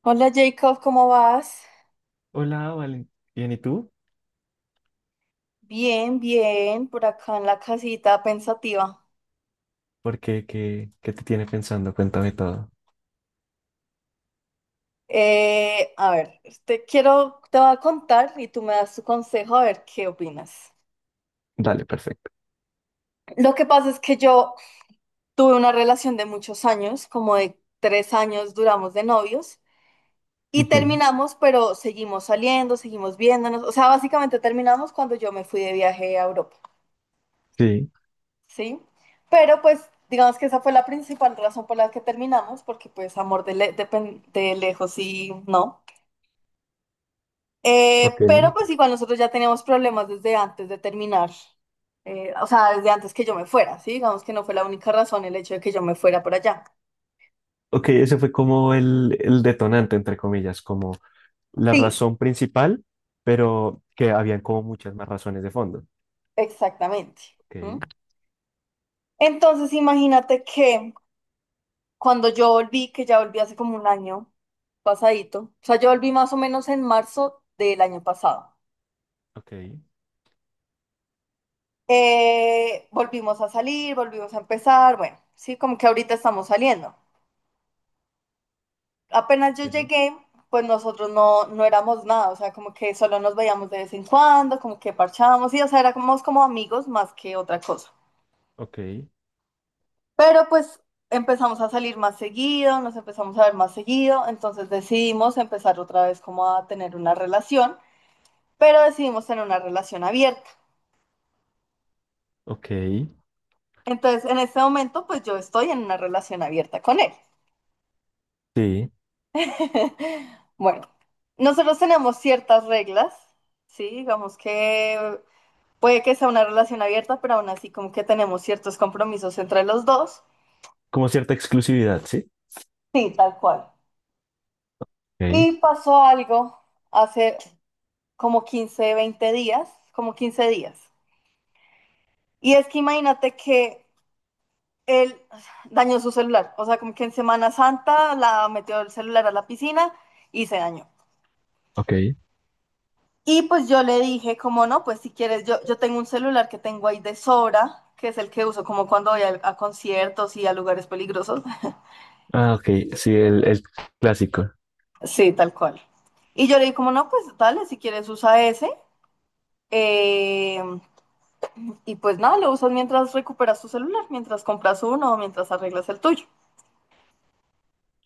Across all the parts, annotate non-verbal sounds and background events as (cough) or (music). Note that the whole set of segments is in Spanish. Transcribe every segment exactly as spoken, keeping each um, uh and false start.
Hola Jacob, ¿cómo vas? Hola, Valen. Bien, ¿y tú? Bien, bien, por acá en la casita pensativa. ¿Por qué? ¿Qué, qué te tiene pensando? Cuéntame todo. Eh, a ver, te quiero, te voy a contar y tú me das tu consejo a ver qué opinas. Dale, perfecto. Lo que pasa es que yo tuve una relación de muchos años, como de tres años duramos de novios y Ujú, terminamos, pero seguimos saliendo, seguimos viéndonos. O sea, básicamente terminamos cuando yo me fui de viaje a Europa. sí, ¿Sí? Pero pues digamos que esa fue la principal razón por la que terminamos, porque pues amor de, le- de pen- de lejos sí, no. Eh, pero ok. pues igual nosotros ya teníamos problemas desde antes de terminar. Eh, o sea, desde antes que yo me fuera, ¿sí? Digamos que no fue la única razón el hecho de que yo me fuera por allá. Ok, ese fue como el, el detonante, entre comillas, como la Sí, razón principal, pero que habían como muchas más razones de fondo. exactamente. Ok, ¿Mm? Entonces imagínate que cuando yo volví, que ya volví hace como un año pasadito, o sea, yo volví más o menos en marzo del año pasado. ok, Eh, volvimos a salir, volvimos a empezar, bueno, sí, como que ahorita estamos saliendo. Apenas yo sí, llegué, pues nosotros no, no éramos nada, o sea, como que solo nos veíamos de vez en cuando, como que parchábamos, y o sea, éramos como amigos más que otra cosa. ok, Pero pues empezamos a salir más seguido, nos empezamos a ver más seguido, entonces decidimos empezar otra vez como a tener una relación, pero decidimos tener una relación abierta. ok, Entonces, en este momento, pues yo estoy en una relación abierta con él. sí. (laughs) Bueno, nosotros tenemos ciertas reglas, ¿sí? Digamos que puede que sea una relación abierta, pero aún así como que tenemos ciertos compromisos entre los dos. Como cierta exclusividad, ¿sí? Sí, tal cual. Ok, Y pasó algo hace como quince, veinte días, como quince días. Y es que imagínate que él dañó su celular, o sea, como que en Semana Santa la metió el celular a la piscina y se dañó. ok. Y pues yo le dije, como no, pues si quieres, yo, yo tengo un celular que tengo ahí de sobra, que es el que uso como cuando voy a, a conciertos y a lugares peligrosos. (laughs) Ah, ok, sí, el, el clásico. Sí, tal cual. Y yo le dije, como no, pues dale, si quieres usa ese. eh, y pues nada, lo usas mientras recuperas tu celular, mientras compras uno o mientras arreglas el tuyo.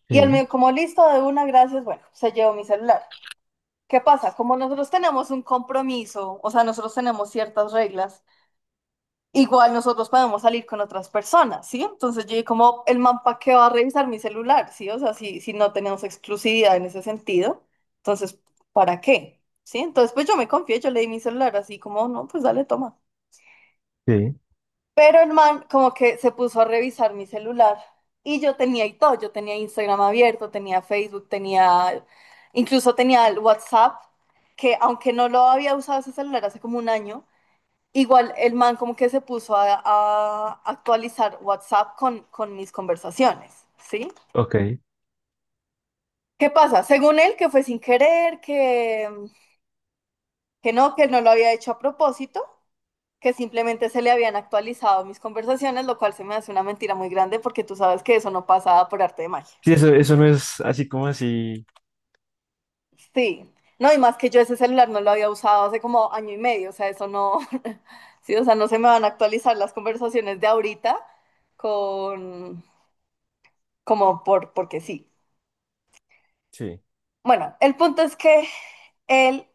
Y él me Sí, dijo, como listo, de una, gracias, bueno, se llevó mi celular. ¿Qué pasa? Como nosotros tenemos un compromiso, o sea, nosotros tenemos ciertas reglas. Igual nosotros podemos salir con otras personas, ¿sí? Entonces yo dije como, el man para qué va a revisar mi celular, ¿sí? O sea, si, si no tenemos exclusividad en ese sentido, entonces, ¿para qué? ¿Sí? Entonces, pues yo me confié, yo le di mi celular así como, no, pues dale, toma. sí, Pero el man como que se puso a revisar mi celular y yo tenía y todo, yo tenía Instagram abierto, tenía Facebook, tenía, incluso tenía el WhatsApp, que aunque no lo había usado ese celular hace como un año, igual el man como que se puso a, a actualizar WhatsApp con, con mis conversaciones, ¿sí? ok. ¿Qué pasa? Según él, que fue sin querer, que, que no, que él no lo había hecho a propósito, que simplemente se le habían actualizado mis conversaciones, lo cual se me hace una mentira muy grande porque tú sabes que eso no pasa por arte de magia. Sí, eso, eso no es así como así, Sí, no, y más que yo ese celular no lo había usado hace como año y medio, o sea, eso no. (laughs) Sí, o sea, no se me van a actualizar las conversaciones de ahorita con, como por, porque sí. sí. Bueno, el punto es que él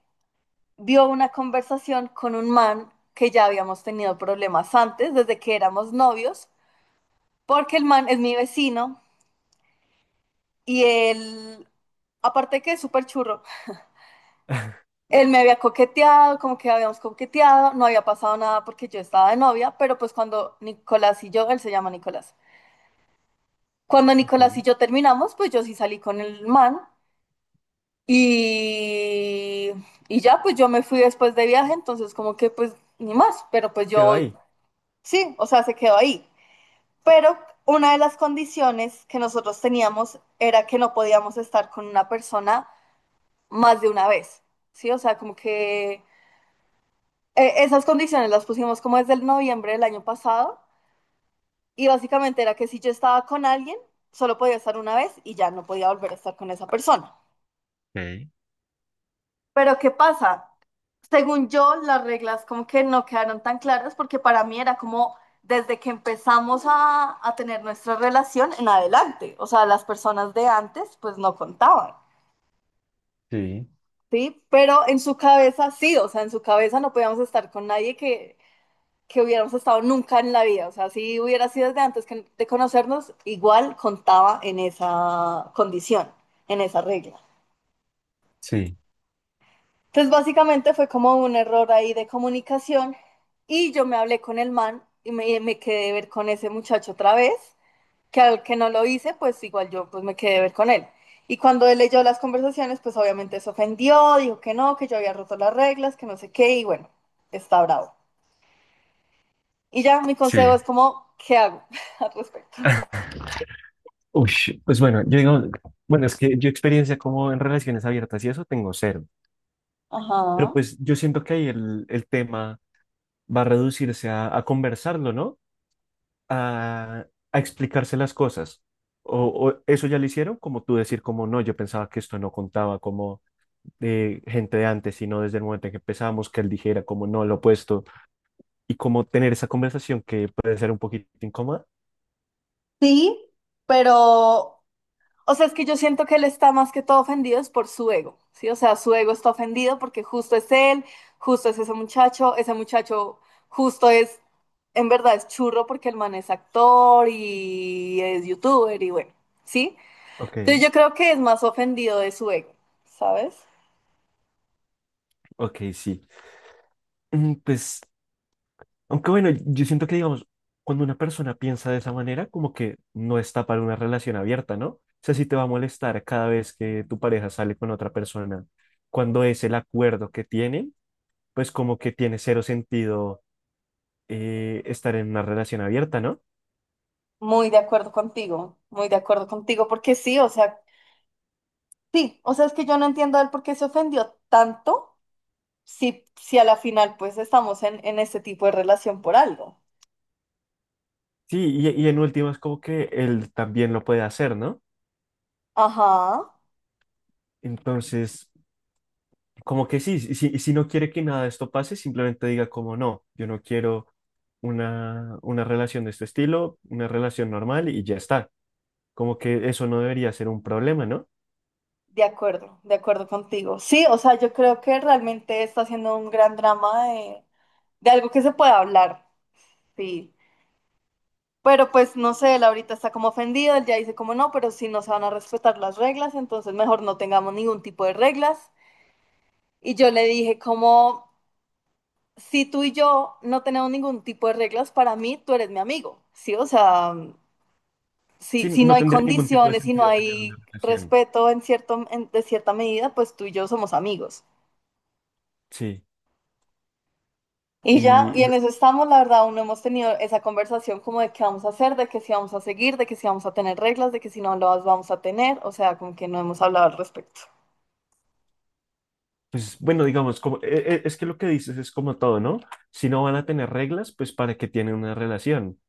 vio una conversación con un man que ya habíamos tenido problemas antes, desde que éramos novios, porque el man es mi vecino y él, aparte de que es súper churro, (laughs) él me había coqueteado, como que habíamos coqueteado, no había pasado nada porque yo estaba de novia, pero pues cuando Nicolás y yo, él se llama Nicolás, cuando Ok. Nicolás y yo terminamos, pues yo sí salí con el man. Y, y ya, pues yo me fui después de viaje, entonces como que pues ni más, pero pues Quedó yo ahí. sí, o sea, se quedó ahí. Pero una de las condiciones que nosotros teníamos era que no podíamos estar con una persona más de una vez, ¿sí? O sea, como que eh, esas condiciones las pusimos como desde el noviembre del año pasado y básicamente era que si yo estaba con alguien, solo podía estar una vez y ya no podía volver a estar con esa persona. Ok, Pero ¿qué pasa? Según yo, las reglas como que no quedaron tan claras porque para mí era como desde que empezamos a, a tener nuestra relación en adelante, o sea, las personas de antes pues no contaban, sí, ¿sí? Pero en su cabeza sí, o sea, en su cabeza no podíamos estar con nadie que que hubiéramos estado nunca en la vida, o sea, si hubiera sido desde antes que- de conocernos, igual contaba en esa condición, en esa regla. sí, Entonces, básicamente fue como un error ahí de comunicación y yo me hablé con el man y me, me quedé de ver con ese muchacho otra vez, que al que no lo hice, pues igual yo pues me quedé de ver con él. Y cuando él leyó las conversaciones, pues obviamente se ofendió, dijo que no, que yo había roto las reglas, que no sé qué, y bueno, está bravo. Y ya mi consejo sí. es como, ¿qué hago (laughs) al respecto? (laughs) Uy, pues bueno, yo digo, bueno, es que yo experiencia como en relaciones abiertas y eso tengo cero. Pero Ajá. pues yo siento que ahí el, el tema va a reducirse a, a conversarlo, ¿no? A, a explicarse las cosas. O, o eso ya lo hicieron, como tú decir, como no, yo pensaba que esto no contaba como de gente de antes, sino desde el momento en que empezamos, que él dijera como no, lo opuesto, y como tener esa conversación que puede ser un poquito incómoda. Sí, pero o sea, es que yo siento que él está más que todo ofendido es por su ego, ¿sí? O sea, su ego está ofendido porque justo es él, justo es ese muchacho, ese muchacho justo es, en verdad es churro porque el man es actor y es youtuber y bueno, ¿sí? Entonces Ok. yo creo que es más ofendido de su ego, ¿sabes? Ok, sí. Mm, Pues, aunque bueno, yo siento que, digamos, cuando una persona piensa de esa manera, como que no está para una relación abierta, ¿no? O sea, si te va a molestar cada vez que tu pareja sale con otra persona, cuando es el acuerdo que tienen, pues como que tiene cero sentido eh, estar en una relación abierta, ¿no? Muy de acuerdo contigo, muy de acuerdo contigo porque sí, o sea, sí, o sea, es que yo no entiendo a él por qué se ofendió tanto si, si a la final pues estamos en, en este tipo de relación por algo. Sí, y, y en últimas como que él también lo puede hacer, ¿no? Ajá, Entonces, como que sí, si, si no quiere que nada de esto pase, simplemente diga como no, yo no quiero una, una relación de este estilo, una relación normal y ya está. Como que eso no debería ser un problema, ¿no? de acuerdo, de acuerdo contigo. Sí, o sea, yo creo que realmente está haciendo un gran drama de, de algo que se puede hablar, sí. Pero pues no sé, él ahorita está como ofendido, él ya dice como no, pero si no se van a respetar las reglas, entonces mejor no tengamos ningún tipo de reglas. Y yo le dije como, si tú y yo no tenemos ningún tipo de reglas, para mí tú eres mi amigo, sí, o sea, mm, si, Sí, si no no hay tendría ningún tipo de condiciones, si no sentido tener una hay relación. respeto en cierto, en- de cierta medida, pues tú y yo somos amigos. Sí. Y ya, Y y en no- eso estamos, la verdad, aún no hemos tenido esa conversación como de qué vamos a hacer, de que si vamos a seguir, de que si vamos a tener reglas, de que si no las vamos a tener, o sea, como que no hemos hablado al respecto. pues bueno, digamos, como, e- e- es que lo que dices es como todo, ¿no? Si no van a tener reglas, pues para qué tienen una relación.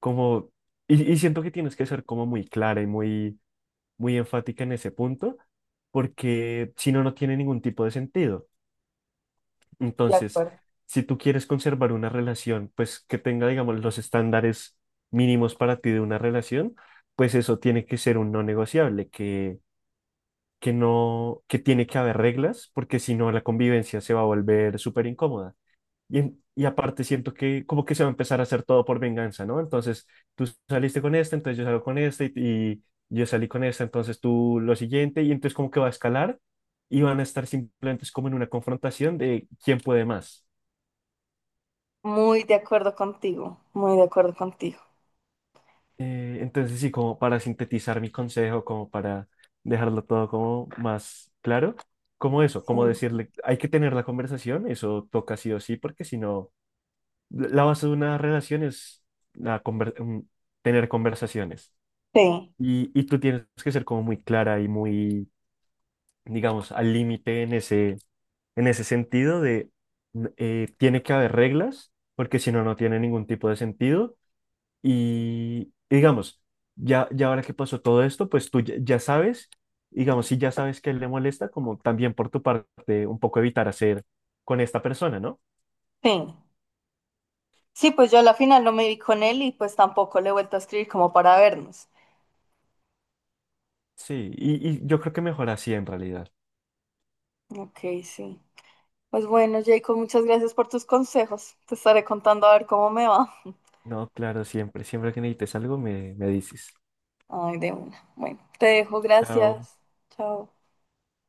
Como, y, y siento que tienes que ser como muy clara y muy muy enfática en ese punto, porque si no, no tiene ningún tipo de sentido. De Entonces, acuerdo. si tú quieres conservar una relación, pues que tenga, digamos, los estándares mínimos para ti de una relación, pues eso tiene que ser un no negociable, que, que no, que tiene que haber reglas, porque si no, la convivencia se va a volver súper incómoda. Y, en- y aparte siento que como que se va a empezar a hacer todo por venganza, ¿no? Entonces tú saliste con esta entonces yo salgo con esta y, y yo salí con esta entonces tú lo siguiente y entonces como que va a escalar y van a estar simplemente es como en una confrontación de quién puede más. Muy de acuerdo contigo, muy de acuerdo contigo. Eh, entonces sí, como para sintetizar mi consejo, como para dejarlo todo como más claro, como eso, Sí, como decirle, hay que tener la conversación, eso toca sí o sí, porque si no, la la base de una relación es la conver- un- tener conversaciones. sí. Y, y tú tienes que ser como muy clara y muy, digamos, al límite en ese, en ese sentido de mm, eh, tiene que haber reglas, porque si no, no tiene ningún tipo de sentido. Y, y digamos, ya, ya ahora que pasó todo esto, pues tú ya, ya sabes, digamos, si ya sabes que él le molesta, como también por tu parte, un poco evitar hacer con esta persona, ¿no? Sí, Sí, pues yo a la final no me vi con él y pues tampoco le he vuelto a escribir como para vernos. Sí, y, y yo creo que mejor así en realidad. Ok, sí. Pues bueno, Jacob, muchas gracias por tus consejos. Te estaré contando a ver cómo me va. No, claro, siempre, siempre que necesites algo, me, me dices. Ay, de una. Bueno, te dejo, Chao. gracias. Chao.